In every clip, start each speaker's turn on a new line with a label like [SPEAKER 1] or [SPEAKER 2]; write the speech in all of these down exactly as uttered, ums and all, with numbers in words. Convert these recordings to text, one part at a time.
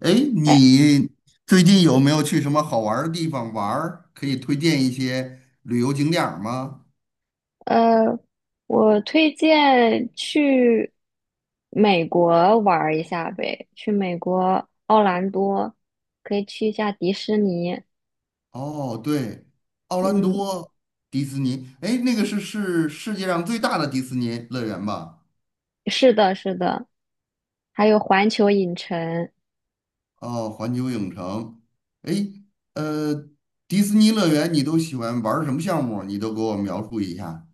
[SPEAKER 1] 哎，
[SPEAKER 2] 哎，
[SPEAKER 1] 你最近有没有去什么好玩儿的地方玩儿？可以推荐一些旅游景点儿吗？
[SPEAKER 2] 呃，我推荐去美国玩儿一下呗，去美国奥兰多，可以去一下迪士尼。
[SPEAKER 1] 哦，对，奥兰
[SPEAKER 2] 嗯，
[SPEAKER 1] 多迪士尼。哎，那个是是世界上最大的迪士尼乐园吧？
[SPEAKER 2] 是的，是的，还有环球影城。
[SPEAKER 1] 哦，环球影城。哎，呃，迪士尼乐园你都喜欢玩儿什么项目？你都给我描述一下。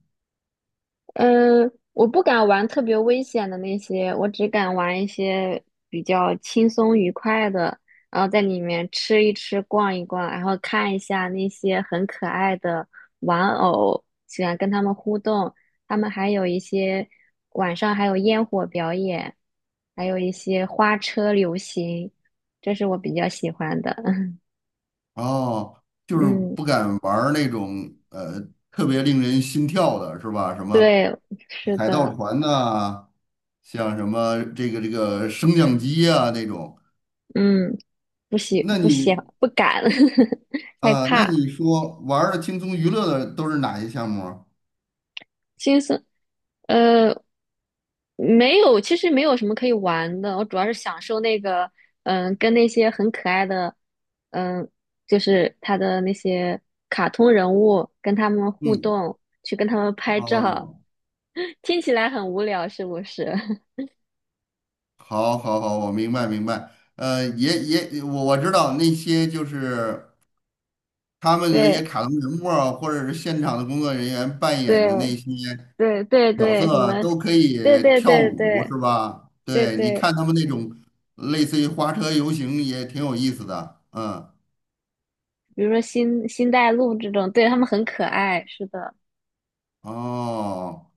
[SPEAKER 2] 嗯，我不敢玩特别危险的那些，我只敢玩一些比较轻松愉快的，然后在里面吃一吃、逛一逛，然后看一下那些很可爱的玩偶，喜欢跟他们互动。他们还有一些晚上还有烟火表演，还有一些花车游行，这是我比较喜欢的。
[SPEAKER 1] 哦，就是
[SPEAKER 2] 嗯，
[SPEAKER 1] 不敢玩儿那种呃特别令人心跳的是吧？什么
[SPEAKER 2] 对，是
[SPEAKER 1] 海盗
[SPEAKER 2] 的，
[SPEAKER 1] 船呐、像什么这个这个升降机啊那种。
[SPEAKER 2] 嗯，不喜
[SPEAKER 1] 那
[SPEAKER 2] 不喜
[SPEAKER 1] 你
[SPEAKER 2] 不敢，害
[SPEAKER 1] 啊、那
[SPEAKER 2] 怕。
[SPEAKER 1] 你说玩儿的轻松娱乐的都是哪些项目啊？
[SPEAKER 2] 金色，呃，没有，其实没有什么可以玩的，我主要是享受那个，嗯，跟那些很可爱的，嗯，就是他的那些卡通人物，跟他们互
[SPEAKER 1] 嗯。
[SPEAKER 2] 动，去跟他们拍照，
[SPEAKER 1] 哦。
[SPEAKER 2] 听起来很无聊，是不是？
[SPEAKER 1] 好，好，好，我明白，明白。呃，也也，我我知道那些就是他们的那些
[SPEAKER 2] 对
[SPEAKER 1] 卡通人物啊，或者是现场的工作人员扮演
[SPEAKER 2] 对
[SPEAKER 1] 的那些
[SPEAKER 2] 对对
[SPEAKER 1] 角
[SPEAKER 2] 对，什
[SPEAKER 1] 色，
[SPEAKER 2] 么？
[SPEAKER 1] 都可以
[SPEAKER 2] 对对
[SPEAKER 1] 跳
[SPEAKER 2] 对
[SPEAKER 1] 舞，
[SPEAKER 2] 对
[SPEAKER 1] 是吧？
[SPEAKER 2] 对
[SPEAKER 1] 对，你
[SPEAKER 2] 对，
[SPEAKER 1] 看他们那种类似于花车游行也挺有意思的，嗯。
[SPEAKER 2] 比如说星星黛露这种，对，他们很可爱，是的。
[SPEAKER 1] 哦，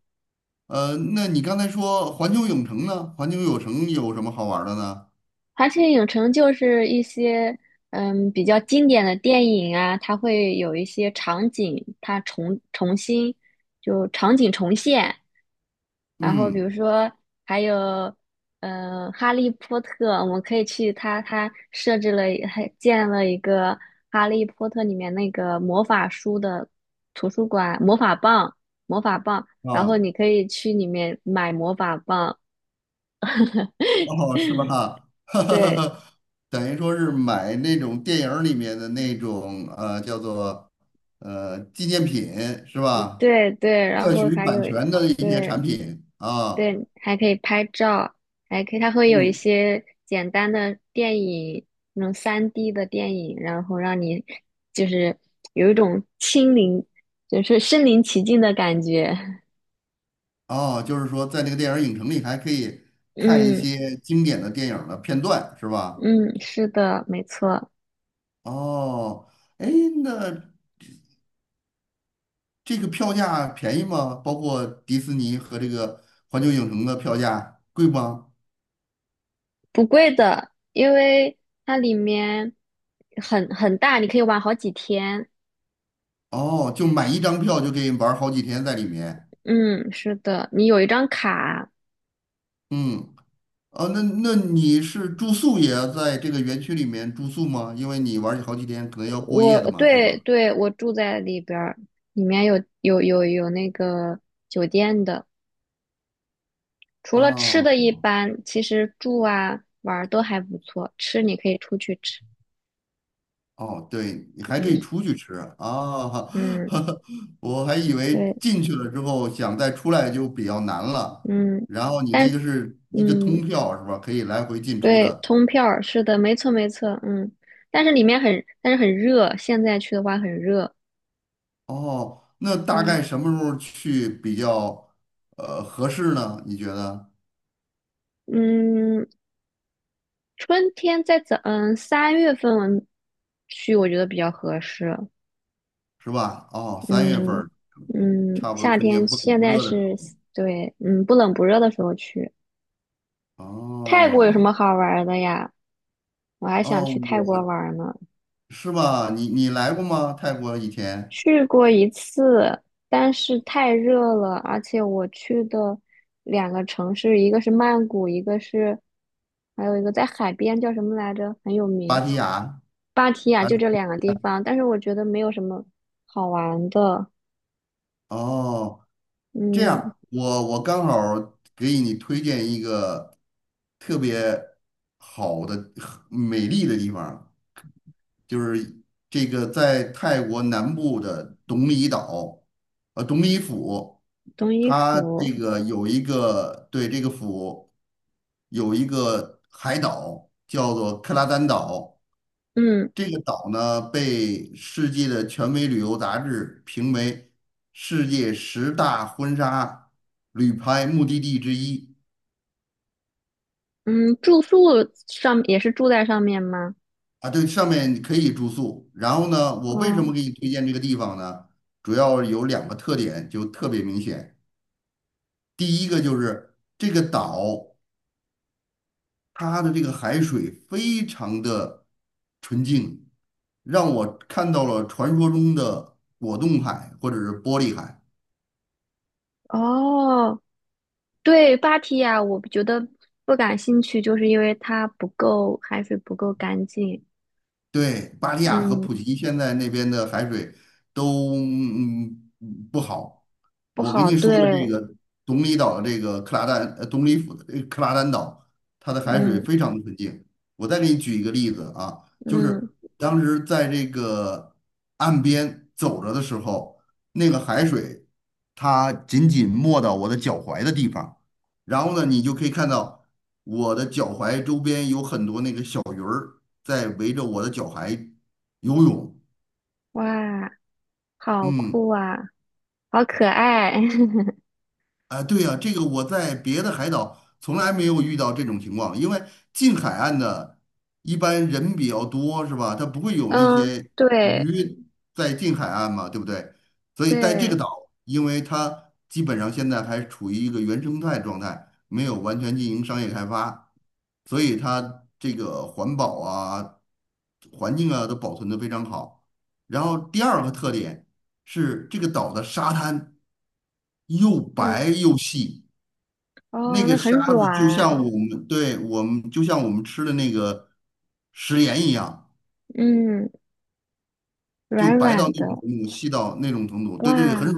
[SPEAKER 1] 呃，那你刚才说环球影城呢？环球影城有什么好玩儿的呢？
[SPEAKER 2] 而且影城就是一些嗯比较经典的电影啊，它会有一些场景，它重重新就场景重现。然后比如
[SPEAKER 1] 嗯。
[SPEAKER 2] 说还有嗯《哈利波特》，我们可以去它它设置了还建了一个《哈利波特》里面那个魔法书的图书馆，魔法棒，魔法棒，然后
[SPEAKER 1] 啊。
[SPEAKER 2] 你可以去里面买魔法棒。
[SPEAKER 1] 哦，是吧？
[SPEAKER 2] 对
[SPEAKER 1] 等于说是买那种电影儿里面的那种呃，叫做呃纪念品是吧？
[SPEAKER 2] 对对，然
[SPEAKER 1] 特
[SPEAKER 2] 后
[SPEAKER 1] 许
[SPEAKER 2] 还
[SPEAKER 1] 版
[SPEAKER 2] 有
[SPEAKER 1] 权的一些产
[SPEAKER 2] 对。
[SPEAKER 1] 品啊。
[SPEAKER 2] 对，还可以拍照，还可以，它会有一
[SPEAKER 1] 嗯。
[SPEAKER 2] 些简单的电影，那种 三 D 的电影，然后让你就是有一种亲临，就是身临其境的感觉。
[SPEAKER 1] 哦，就是说在那个电影影城里还可以看一
[SPEAKER 2] 嗯
[SPEAKER 1] 些经典的电影儿的片段是吧？
[SPEAKER 2] 嗯，是的，没错，
[SPEAKER 1] 哦。哎。那。这个票价便宜吗？包括迪士尼和这个环球影城的票价贵吗？
[SPEAKER 2] 不贵的，因为它里面很很大，你可以玩好几天。
[SPEAKER 1] 哦，就买一张票就可以玩好几天在里面。
[SPEAKER 2] 嗯，是的，你有一张卡，
[SPEAKER 1] 嗯。啊，那那你是住宿也要在这个园区里面住宿吗？因为你玩好几天，可能要过夜
[SPEAKER 2] 我
[SPEAKER 1] 的嘛，对吧？
[SPEAKER 2] 对对，我住在里边儿，里面有有有有那个酒店的，除了吃
[SPEAKER 1] 哦
[SPEAKER 2] 的一般，其实住啊玩儿都还不错。吃你可以出去吃，
[SPEAKER 1] 哦，对，你还可以
[SPEAKER 2] 嗯
[SPEAKER 1] 出去吃啊！
[SPEAKER 2] 嗯
[SPEAKER 1] 我还以为
[SPEAKER 2] 对
[SPEAKER 1] 进去了之后想再出来就比较难了。
[SPEAKER 2] 嗯，
[SPEAKER 1] 然后你
[SPEAKER 2] 但
[SPEAKER 1] 那个是一个通
[SPEAKER 2] 嗯
[SPEAKER 1] 票是吧？可以来回进出
[SPEAKER 2] 对，
[SPEAKER 1] 的。
[SPEAKER 2] 通票儿是的，没错没错，嗯，但是里面很但是很热，现在去的话很热，
[SPEAKER 1] 哦，那大概
[SPEAKER 2] 嗯
[SPEAKER 1] 什么时候去比较呃合适呢？你觉得
[SPEAKER 2] 嗯，春天在早嗯三月份去，我觉得比较合适，
[SPEAKER 1] 是吧？哦，三月份
[SPEAKER 2] 嗯
[SPEAKER 1] 儿
[SPEAKER 2] 嗯，
[SPEAKER 1] 差不多
[SPEAKER 2] 夏
[SPEAKER 1] 春天
[SPEAKER 2] 天
[SPEAKER 1] 不
[SPEAKER 2] 现
[SPEAKER 1] 冷不
[SPEAKER 2] 在
[SPEAKER 1] 热的时
[SPEAKER 2] 是，
[SPEAKER 1] 候。
[SPEAKER 2] 对，嗯，不冷不热的时候去。泰国有什
[SPEAKER 1] 哦。
[SPEAKER 2] 么好玩儿的呀？我还想
[SPEAKER 1] 哦，
[SPEAKER 2] 去泰国
[SPEAKER 1] 我
[SPEAKER 2] 玩儿呢。
[SPEAKER 1] 是吧？你你来过吗？泰国以前，
[SPEAKER 2] 去过一次，但是太热了，而且我去的两个城市，一个是曼谷，一个是，还有一个在海边叫什么来着，很有
[SPEAKER 1] 芭
[SPEAKER 2] 名，
[SPEAKER 1] 提雅。
[SPEAKER 2] 芭提雅，
[SPEAKER 1] 还
[SPEAKER 2] 就这
[SPEAKER 1] 是。
[SPEAKER 2] 两个地方。但是我觉得没有什么好玩的。
[SPEAKER 1] 哦，这
[SPEAKER 2] 嗯，
[SPEAKER 1] 样我我刚好儿给你推荐一个特别好的美丽的地方儿，就是这个在泰国南部的董里岛。呃，董里府，
[SPEAKER 2] 冬衣
[SPEAKER 1] 它这
[SPEAKER 2] 服。
[SPEAKER 1] 个有一个，对，这个府有一个海岛叫做克拉丹岛。
[SPEAKER 2] 嗯
[SPEAKER 1] 这个岛呢被世界的权威旅游杂志评为世界十大婚纱旅拍目的地之一。
[SPEAKER 2] 嗯，住宿上也是住在上面吗？
[SPEAKER 1] 啊，对，上面可以住宿。然后呢，我为什么
[SPEAKER 2] 哦
[SPEAKER 1] 给你推荐这个地方呢？主要有两个特点，就特别明显。第一个就是这个岛，它的这个海水非常的纯净，让我看到了传说中的果冻海或者是玻璃海。
[SPEAKER 2] 哦，对，芭提雅我觉得不感兴趣，就是因为它不够，海水不够干净，
[SPEAKER 1] 对，巴利亚和
[SPEAKER 2] 嗯，
[SPEAKER 1] 普吉现在那边的海水都嗯不好。
[SPEAKER 2] 不
[SPEAKER 1] 我跟
[SPEAKER 2] 好，
[SPEAKER 1] 你说的
[SPEAKER 2] 对，
[SPEAKER 1] 这个东里岛的这个克拉丹，呃，东里府的这个克拉丹岛，它的海水
[SPEAKER 2] 嗯
[SPEAKER 1] 非常的纯净。我再给你举一个例子啊，就
[SPEAKER 2] 嗯，
[SPEAKER 1] 是当时在这个岸边走着的时候，那个海水它仅仅没到我的脚踝的地方，然后呢，你就可以看到我的脚踝周边有很多那个小。在围着我的脚踝游泳。
[SPEAKER 2] 哇，好酷
[SPEAKER 1] 嗯。
[SPEAKER 2] 啊，好可爱，
[SPEAKER 1] 啊，对呀，这个我在别的海岛从来没有遇到这种情况，因为近海岸的一般人比较多，是吧？它不会 有那
[SPEAKER 2] 嗯，
[SPEAKER 1] 些
[SPEAKER 2] 对
[SPEAKER 1] 鱼在近海岸嘛，对不对？所以在这个
[SPEAKER 2] 对，
[SPEAKER 1] 岛，因为它基本上现在还处于一个原生态状态，没有完全进行商业开发，所以它这个环保啊、环境啊都保存得非常好。然后第二个特点是这个岛的沙滩又白
[SPEAKER 2] 嗯，
[SPEAKER 1] 又细。那
[SPEAKER 2] 哦，
[SPEAKER 1] 个
[SPEAKER 2] 那很
[SPEAKER 1] 沙子就
[SPEAKER 2] 软，
[SPEAKER 1] 像我们，对，我们就像我们吃的那个食盐一样，
[SPEAKER 2] 嗯，
[SPEAKER 1] 就
[SPEAKER 2] 软
[SPEAKER 1] 白到那
[SPEAKER 2] 软
[SPEAKER 1] 种
[SPEAKER 2] 的，
[SPEAKER 1] 程度，细到那种程度，对对，很
[SPEAKER 2] 哇，
[SPEAKER 1] 软，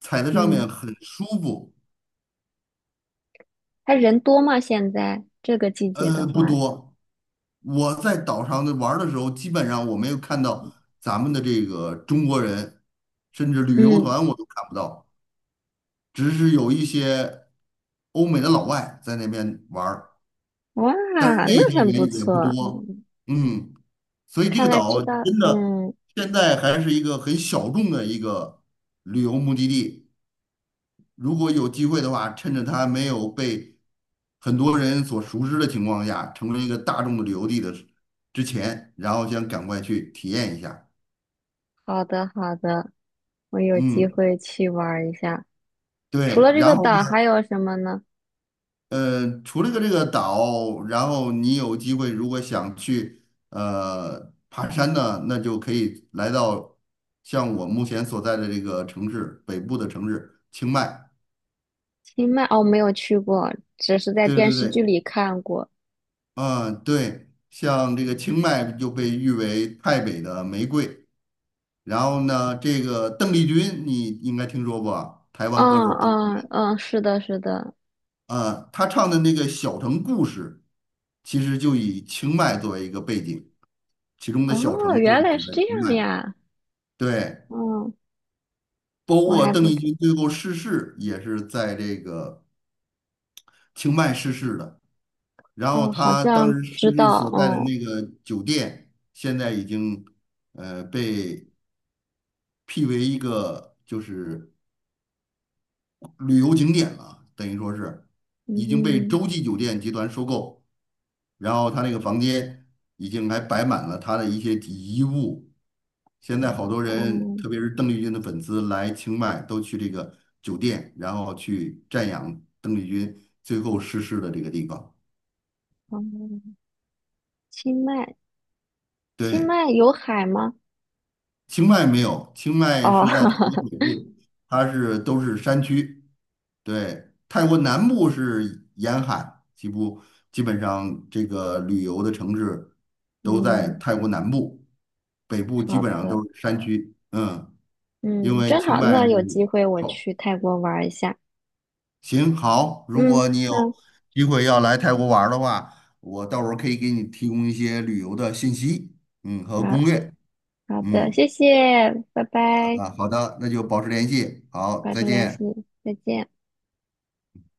[SPEAKER 1] 踩在上
[SPEAKER 2] 嗯，
[SPEAKER 1] 面很舒服。
[SPEAKER 2] 它人多吗？现在这个季节
[SPEAKER 1] 呃，
[SPEAKER 2] 的
[SPEAKER 1] 不
[SPEAKER 2] 话，
[SPEAKER 1] 多，我在岛上的玩儿的时候，基本上我没有看到咱们的这个中国人，甚至旅游
[SPEAKER 2] 嗯。
[SPEAKER 1] 团我都看不到，只是有一些欧美的老外在那边玩儿，
[SPEAKER 2] 哇，
[SPEAKER 1] 但是那
[SPEAKER 2] 那
[SPEAKER 1] 些
[SPEAKER 2] 很不
[SPEAKER 1] 人也不
[SPEAKER 2] 错。
[SPEAKER 1] 多。嗯。所以这个
[SPEAKER 2] 看来知
[SPEAKER 1] 岛
[SPEAKER 2] 道，
[SPEAKER 1] 真的
[SPEAKER 2] 嗯，
[SPEAKER 1] 现在还是一个很小众的一个旅游目的地。如果有机会的话，趁着它没有被很多人所熟知的情况下，成为一个大众的旅游地的时之前，然后想赶快去体验一下。
[SPEAKER 2] 好的好的，我有机
[SPEAKER 1] 嗯，
[SPEAKER 2] 会去玩儿一下。除
[SPEAKER 1] 对。
[SPEAKER 2] 了这个
[SPEAKER 1] 然后呢，
[SPEAKER 2] 岛，还有什么呢？
[SPEAKER 1] 呃，除了个这个岛，然后你有机会如果想去呃爬山呢，那就可以来到像我目前所在的这个城市北部的城市清迈。
[SPEAKER 2] 清迈哦，没有去过，只是在
[SPEAKER 1] 对
[SPEAKER 2] 电
[SPEAKER 1] 对
[SPEAKER 2] 视剧
[SPEAKER 1] 对。
[SPEAKER 2] 里看过。
[SPEAKER 1] 嗯，对，像这个清迈就被誉为泰北的玫瑰。然后呢，这个邓丽君你应该听说过啊，台湾歌
[SPEAKER 2] 嗯
[SPEAKER 1] 手邓丽
[SPEAKER 2] 嗯
[SPEAKER 1] 君。
[SPEAKER 2] 嗯，是的，是的。
[SPEAKER 1] 嗯，她唱的那个《小城故事》，其实就以清迈作为一个背景，其中的小
[SPEAKER 2] 哦，
[SPEAKER 1] 城就
[SPEAKER 2] 原
[SPEAKER 1] 是
[SPEAKER 2] 来
[SPEAKER 1] 指
[SPEAKER 2] 是
[SPEAKER 1] 的
[SPEAKER 2] 这
[SPEAKER 1] 清
[SPEAKER 2] 样
[SPEAKER 1] 迈。
[SPEAKER 2] 呀。
[SPEAKER 1] 对，
[SPEAKER 2] 嗯，
[SPEAKER 1] 包
[SPEAKER 2] 我
[SPEAKER 1] 括
[SPEAKER 2] 还
[SPEAKER 1] 邓
[SPEAKER 2] 不
[SPEAKER 1] 丽
[SPEAKER 2] 知，
[SPEAKER 1] 君最后逝世也是在这个清迈逝世的。然后
[SPEAKER 2] 哦，好
[SPEAKER 1] 他当
[SPEAKER 2] 像
[SPEAKER 1] 时
[SPEAKER 2] 知
[SPEAKER 1] 逝世
[SPEAKER 2] 道。
[SPEAKER 1] 所在的
[SPEAKER 2] 嗯
[SPEAKER 1] 那个酒店，现在已经呃被辟为一个就是旅游景点了，等于说是已经被
[SPEAKER 2] 嗯
[SPEAKER 1] 洲际酒店集团收购，然后他那个房间已经还摆满了他的一些遗物。现在好多人，
[SPEAKER 2] 嗯
[SPEAKER 1] 特别是邓丽君的粉丝来清迈，都去这个酒店，然后去瞻仰邓丽君最后逝世的这个地方。
[SPEAKER 2] 嗯，清迈，清
[SPEAKER 1] 对。
[SPEAKER 2] 迈有海吗？
[SPEAKER 1] 清迈没有，清迈
[SPEAKER 2] 哦，
[SPEAKER 1] 是在泰国北 部，它是都是山区。对，泰国南部是沿海，几乎基本上这个旅游的城市都在
[SPEAKER 2] 嗯，
[SPEAKER 1] 泰国南部，北部基
[SPEAKER 2] 好
[SPEAKER 1] 本上都
[SPEAKER 2] 的。
[SPEAKER 1] 是山区。嗯，因
[SPEAKER 2] 嗯，
[SPEAKER 1] 为
[SPEAKER 2] 真
[SPEAKER 1] 清
[SPEAKER 2] 好，
[SPEAKER 1] 迈
[SPEAKER 2] 那有
[SPEAKER 1] 是
[SPEAKER 2] 机会我
[SPEAKER 1] 好。
[SPEAKER 2] 去泰国玩儿一下。
[SPEAKER 1] 行。好。如
[SPEAKER 2] 嗯，
[SPEAKER 1] 果你有
[SPEAKER 2] 好
[SPEAKER 1] 机会要来泰国玩儿的话，我到时候可以给你提供一些旅游的信息，嗯，和
[SPEAKER 2] 好，
[SPEAKER 1] 攻略。
[SPEAKER 2] 好的，
[SPEAKER 1] 嗯。
[SPEAKER 2] 谢谢，拜拜，
[SPEAKER 1] 啊，好的，那就保持联系，好，
[SPEAKER 2] 保
[SPEAKER 1] 再
[SPEAKER 2] 持联系，
[SPEAKER 1] 见。
[SPEAKER 2] 再见。